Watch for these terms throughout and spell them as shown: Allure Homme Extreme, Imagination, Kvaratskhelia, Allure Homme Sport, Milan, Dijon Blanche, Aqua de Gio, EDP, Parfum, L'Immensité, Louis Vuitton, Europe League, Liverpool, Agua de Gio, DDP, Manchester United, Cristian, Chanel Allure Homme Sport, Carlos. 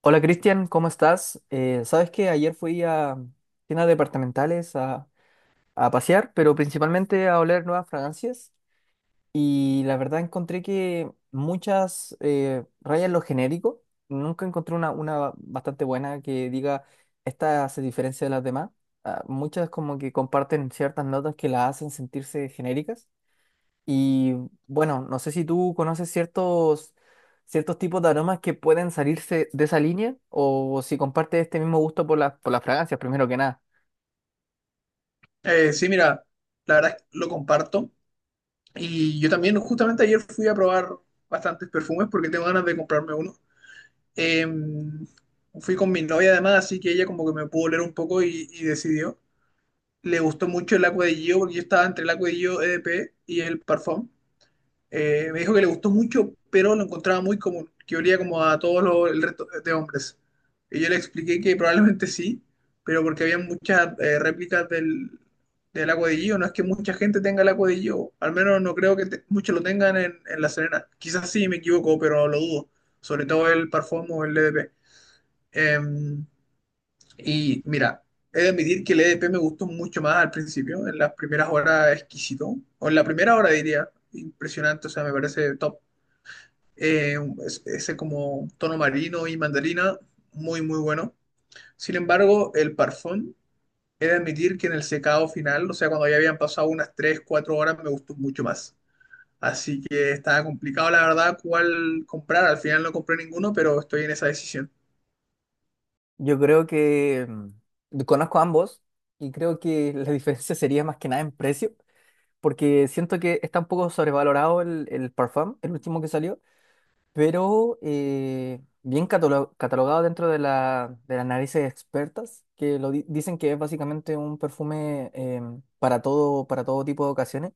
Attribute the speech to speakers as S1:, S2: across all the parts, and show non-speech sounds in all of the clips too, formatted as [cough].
S1: Hola Cristian, ¿cómo estás? Sabes que ayer fui a tiendas departamentales a pasear, pero principalmente a oler nuevas fragancias y la verdad encontré que muchas rayan lo genérico. Nunca encontré una bastante buena que diga esta se diferencia de las demás. Ah, muchas como que comparten ciertas notas que las hacen sentirse genéricas. Y bueno, no sé si tú conoces ciertos tipos de aromas que pueden salirse de esa línea o si compartes este mismo gusto por por las fragancias, primero que nada.
S2: Sí, mira, la verdad es que lo comparto. Y yo también, justamente ayer fui a probar bastantes perfumes porque tengo ganas de comprarme uno. Eh, Fui con mi novia además, así que ella como que me pudo oler un poco y decidió. Le gustó mucho el Aqua de Gio porque yo estaba entre el Aqua de Gio EDP y el Parfum. Me dijo que le gustó mucho, pero lo encontraba muy común, que olía como a el resto de hombres. Y yo le expliqué que probablemente sí, pero porque había muchas réplicas del agua de Gio. No es que mucha gente tenga el agua de Gio, al menos no creo que muchos lo tengan en La Serena. Quizás sí me equivoco, pero lo dudo. Sobre todo el Parfum o el DDP. Em, y mira, he de admitir que el EDP me gustó mucho más al principio, en las primeras horas exquisito, o en la primera hora diría, impresionante, o sea, me parece top, eh, ese como tono marino y mandarina, muy, muy bueno. Sin embargo, el parfum, he de admitir que en el secado final, o sea, cuando ya habían pasado unas 3 4 horas, me gustó mucho más. Así que estaba complicado, la verdad, cuál comprar. Al final no compré ninguno, pero estoy en esa decisión.
S1: Yo creo que conozco ambos y creo que la [laughs] diferencia sería más que nada en precio, porque siento que está un poco sobrevalorado el Parfum, el último que salió. Pero bien catalogado dentro de de las narices expertas, que dicen que es básicamente un perfume para todo tipo de ocasiones.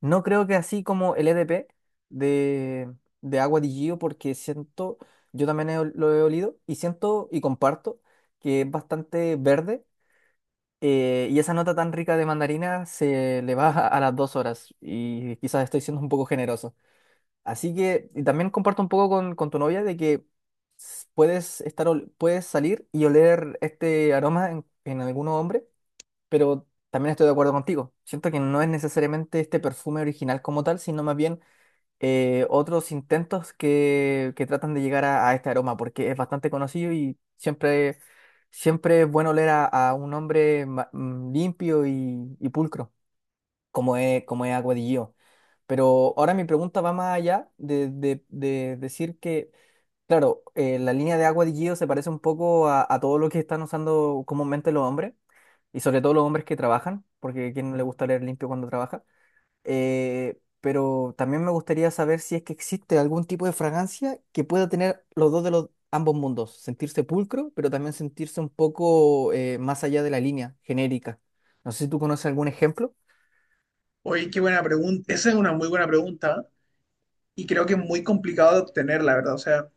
S1: No creo que así como el EDP de, de Agua di Gio, porque siento, yo también lo he olido y siento y comparto que es bastante verde. Y esa nota tan rica de mandarina se le va a las dos horas y quizás estoy siendo un poco generoso. Así que, y también comparto un poco con tu novia de que puedes puedes salir y oler este aroma en algún hombre, pero también estoy de acuerdo contigo. Siento que no es necesariamente este perfume original como tal, sino más bien otros intentos que tratan de llegar a este aroma, porque es bastante conocido y siempre es bueno oler a un hombre limpio y pulcro como como es Agua de Gio. Pero ahora mi pregunta va más allá de, de decir que, claro, la línea de Agua de Gio se parece un poco a todo lo que están usando comúnmente los hombres, y sobre todo los hombres que trabajan, porque a quién no le gusta leer limpio cuando trabaja. Pero también me gustaría saber si es que existe algún tipo de fragancia que pueda tener los dos de los ambos mundos, sentirse pulcro, pero también sentirse un poco más allá de la línea genérica. No sé si tú conoces algún ejemplo.
S2: Oye, qué buena pregunta. Esa es una muy buena pregunta y creo que es muy complicado de obtener, la verdad. O sea,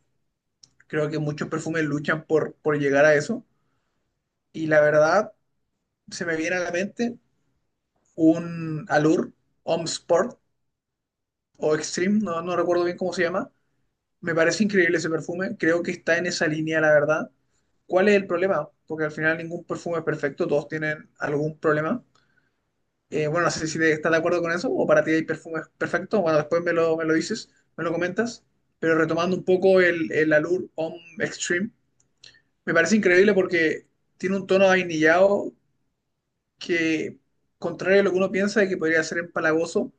S2: creo que muchos perfumes luchan por llegar a eso. Y la verdad, se me viene a la mente un Allure Home Sport o Extreme, no, no recuerdo bien cómo se llama. Me parece increíble ese perfume, creo que está en esa línea, la verdad. ¿Cuál es el problema? Porque al final ningún perfume es perfecto, todos tienen algún problema. Bueno, no sé si estás de acuerdo con eso o para ti hay perfumes perfectos. Bueno, después me lo dices, me lo comentas. Pero retomando un poco el Allure Homme Extreme, me parece increíble porque tiene un tono vainillado que, contrario a lo que uno piensa de que podría ser empalagoso,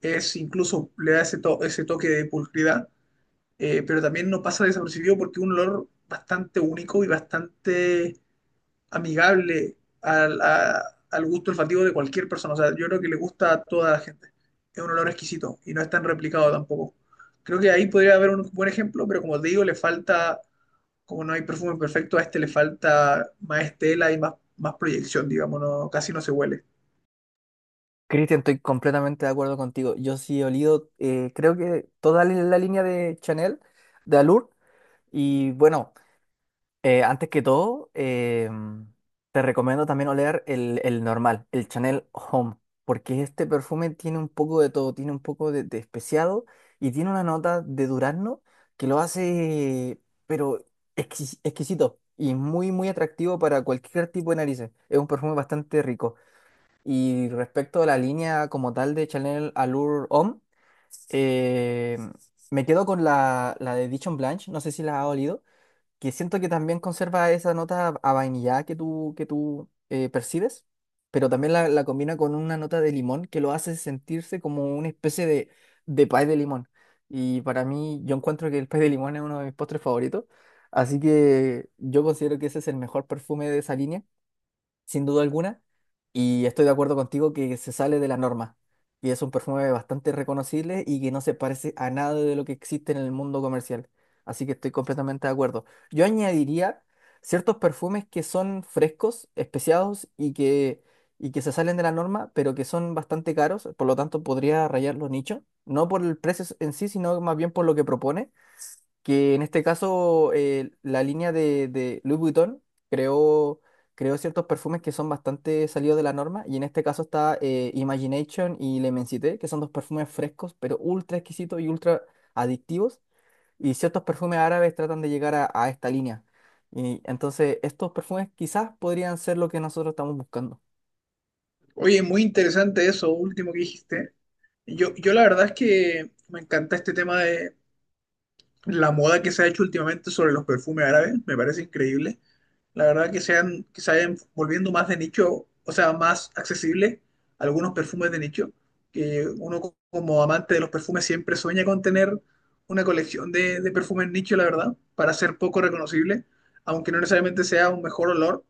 S2: es, incluso le da ese toque de pulcridad, pero también no pasa desapercibido porque es un olor bastante único y bastante amigable al gusto olfativo de cualquier persona. O sea, yo creo que le gusta a toda la gente. Es un olor exquisito y no es tan replicado tampoco. Creo que ahí podría haber un buen ejemplo, pero como te digo, le falta, como no hay perfume perfecto, a este le falta más estela y más, más proyección, digamos, no, casi no se huele.
S1: Cristian, estoy completamente de acuerdo contigo. Yo sí he olido, creo que toda la línea de Chanel, de Allure. Y bueno, antes que todo, te recomiendo también oler el normal, el Chanel Home, porque este perfume tiene un poco de todo, tiene un poco de especiado y tiene una nota de durazno que lo hace, pero exquisito y muy, muy atractivo para cualquier tipo de narices. Es un perfume bastante rico. Y respecto a la línea como tal de Chanel Allure Homme, eh, me quedo con la de Dijon Blanche, no sé si la ha olido, que siento que también conserva esa nota a vainilla que que tú percibes, pero también la combina con una nota de limón que lo hace sentirse como una especie de pie de limón. Y para mí, yo encuentro que el pie de limón es uno de mis postres favoritos, así que yo considero que ese es el mejor perfume de esa línea sin duda alguna, y estoy de acuerdo contigo que se sale de la norma. Y es un perfume bastante reconocible y que no se parece a nada de lo que existe en el mundo comercial. Así que estoy completamente de acuerdo. Yo añadiría ciertos perfumes que son frescos, especiados y que se salen de la norma, pero que son bastante caros, por lo tanto podría rayar los nichos, no por el precio en sí, sino más bien por lo que propone que en este caso la línea de Louis Vuitton creó, creó ciertos perfumes que son bastante salidos de la norma, y en este caso está Imagination y L'Immensité, que son dos perfumes frescos, pero ultra exquisitos y ultra adictivos, y ciertos perfumes árabes tratan de llegar a esta línea. Y entonces estos perfumes quizás podrían ser lo que nosotros estamos buscando.
S2: Oye, muy interesante eso último que dijiste. Yo la verdad es que me encanta este tema de la moda que se ha hecho últimamente sobre los perfumes árabes, me parece increíble. La verdad que sean, que se vayan volviendo más de nicho, o sea, más accesible algunos perfumes de nicho, que uno como amante de los perfumes siempre sueña con tener una colección de perfumes nicho, la verdad, para ser poco reconocible, aunque no necesariamente sea un mejor olor,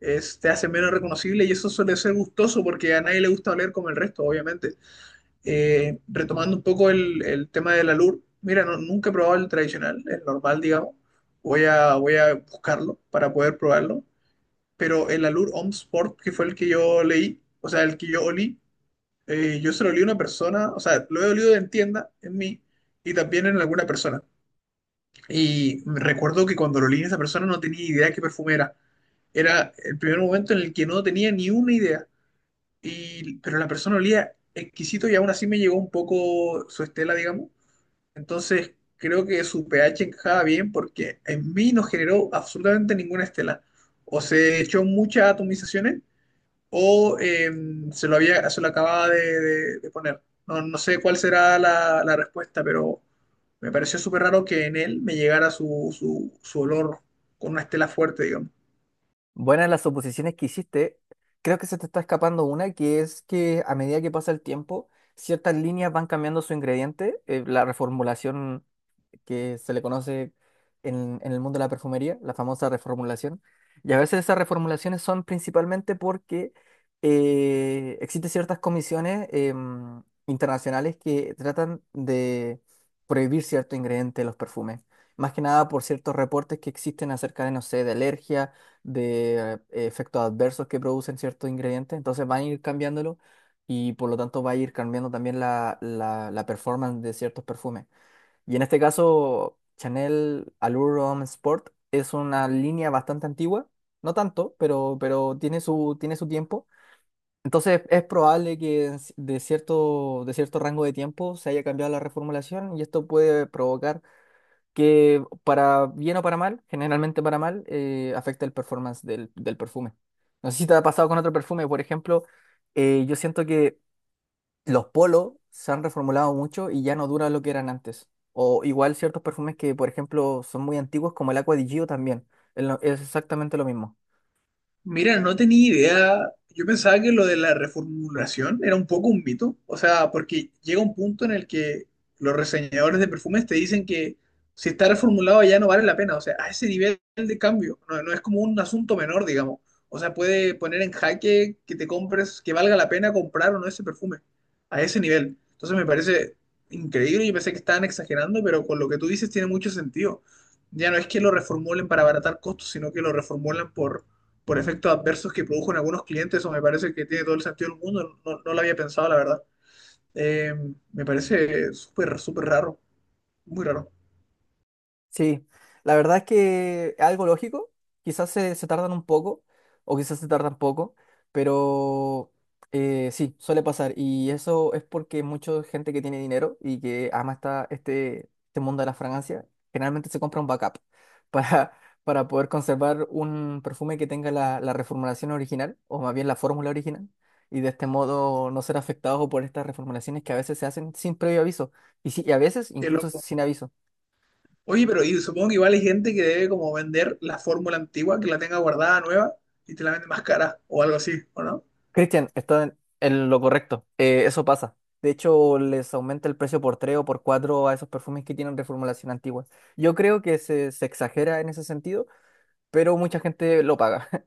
S2: es, te hace menos reconocible y eso suele ser gustoso porque a nadie le gusta oler como el resto, obviamente. Retomando un poco el tema del alur, mira, nunca he probado el tradicional, el normal, digamos. Voy a buscarlo para poder probarlo. Pero el alur Home Sport, que fue el que yo leí, o sea, el que yo olí, yo se lo olí a una persona, o sea, lo he olido en tienda, en mí, y también en alguna persona. Y me recuerdo que cuando lo olí en esa persona no tenía idea de qué perfume era. Era el primer momento en el que no tenía ni una idea. Y, pero la persona olía exquisito y aún así me llegó un poco su estela, digamos. Entonces, creo que su pH encajaba bien porque en mí no generó absolutamente ninguna estela. O se echó muchas atomizaciones o se lo acababa de poner. No sé cuál será la respuesta, pero me pareció súper raro que en él me llegara su olor con una estela fuerte, digamos.
S1: Buenas las suposiciones que hiciste. Creo que se te está escapando una, que es que a medida que pasa el tiempo, ciertas líneas van cambiando su ingrediente. La reformulación que se le conoce en el mundo de la perfumería, la famosa reformulación. Y a veces esas reformulaciones son principalmente porque existen ciertas comisiones internacionales que tratan de prohibir cierto ingrediente de los perfumes. Más que nada por ciertos reportes que existen acerca de, no sé, de alergia, de efectos adversos que producen ciertos ingredientes. Entonces van a ir cambiándolo y por lo tanto va a ir cambiando también la performance de ciertos perfumes. Y en este caso, Chanel Allure Homme Sport es una línea bastante antigua, no tanto, pero tiene tiene su tiempo. Entonces es probable que en de cierto rango de tiempo se haya cambiado la reformulación y esto puede provocar que para bien o para mal, generalmente para mal, afecte el performance del perfume. No sé si te ha pasado con otro perfume, por ejemplo, yo siento que los polos se han reformulado mucho y ya no duran lo que eran antes. O igual ciertos perfumes que, por ejemplo, son muy antiguos, como el Aqua di Gio también. Es exactamente lo mismo.
S2: Mira, no tenía idea. Yo pensaba que lo de la reformulación era un poco un mito. O sea, porque llega un punto en el que los reseñadores de perfumes te dicen que si está reformulado ya no vale la pena. O sea, a ese nivel de cambio. No, no es como un asunto menor, digamos. O sea, puede poner en jaque que te compres, que valga la pena comprar o no ese perfume. A ese nivel. Entonces me parece increíble. Yo pensé que estaban exagerando, pero con lo que tú dices tiene mucho sentido. Ya no es que lo reformulen para abaratar costos, sino que lo reformulan por efectos adversos que produjo en algunos clientes, eso me parece que tiene todo el sentido del mundo, no, no lo había pensado, la verdad. Eh, Me parece súper, súper raro, muy raro,
S1: Sí, la verdad es que es algo lógico, quizás se tardan un poco o quizás se tardan poco, pero sí, suele pasar y eso es porque mucha gente que tiene dinero y que ama este mundo de las fragancias generalmente se compra un backup [laughs] para, para poder conservar un perfume que tenga la reformulación original o más bien la fórmula original y de este modo no ser afectado por estas reformulaciones que a veces se hacen sin previo aviso y a veces
S2: qué
S1: incluso
S2: loco.
S1: sin aviso.
S2: Oye, pero y supongo que igual hay gente que debe como vender la fórmula antigua, que la tenga guardada nueva y te la vende más cara o algo así, ¿o no?
S1: Cristian, está en lo correcto. Eso pasa. De hecho, les aumenta el precio por 3 o por 4 a esos perfumes que tienen reformulación antigua. Yo creo que se exagera en ese sentido, pero mucha gente lo paga. [laughs]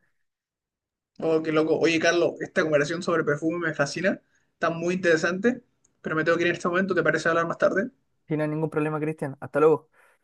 S2: Oh, qué loco. Oye, Carlos, esta conversación sobre perfume me fascina, está muy interesante, pero me tengo que ir en este momento, ¿te parece hablar más tarde?
S1: Sin ningún problema, Cristian. Hasta luego.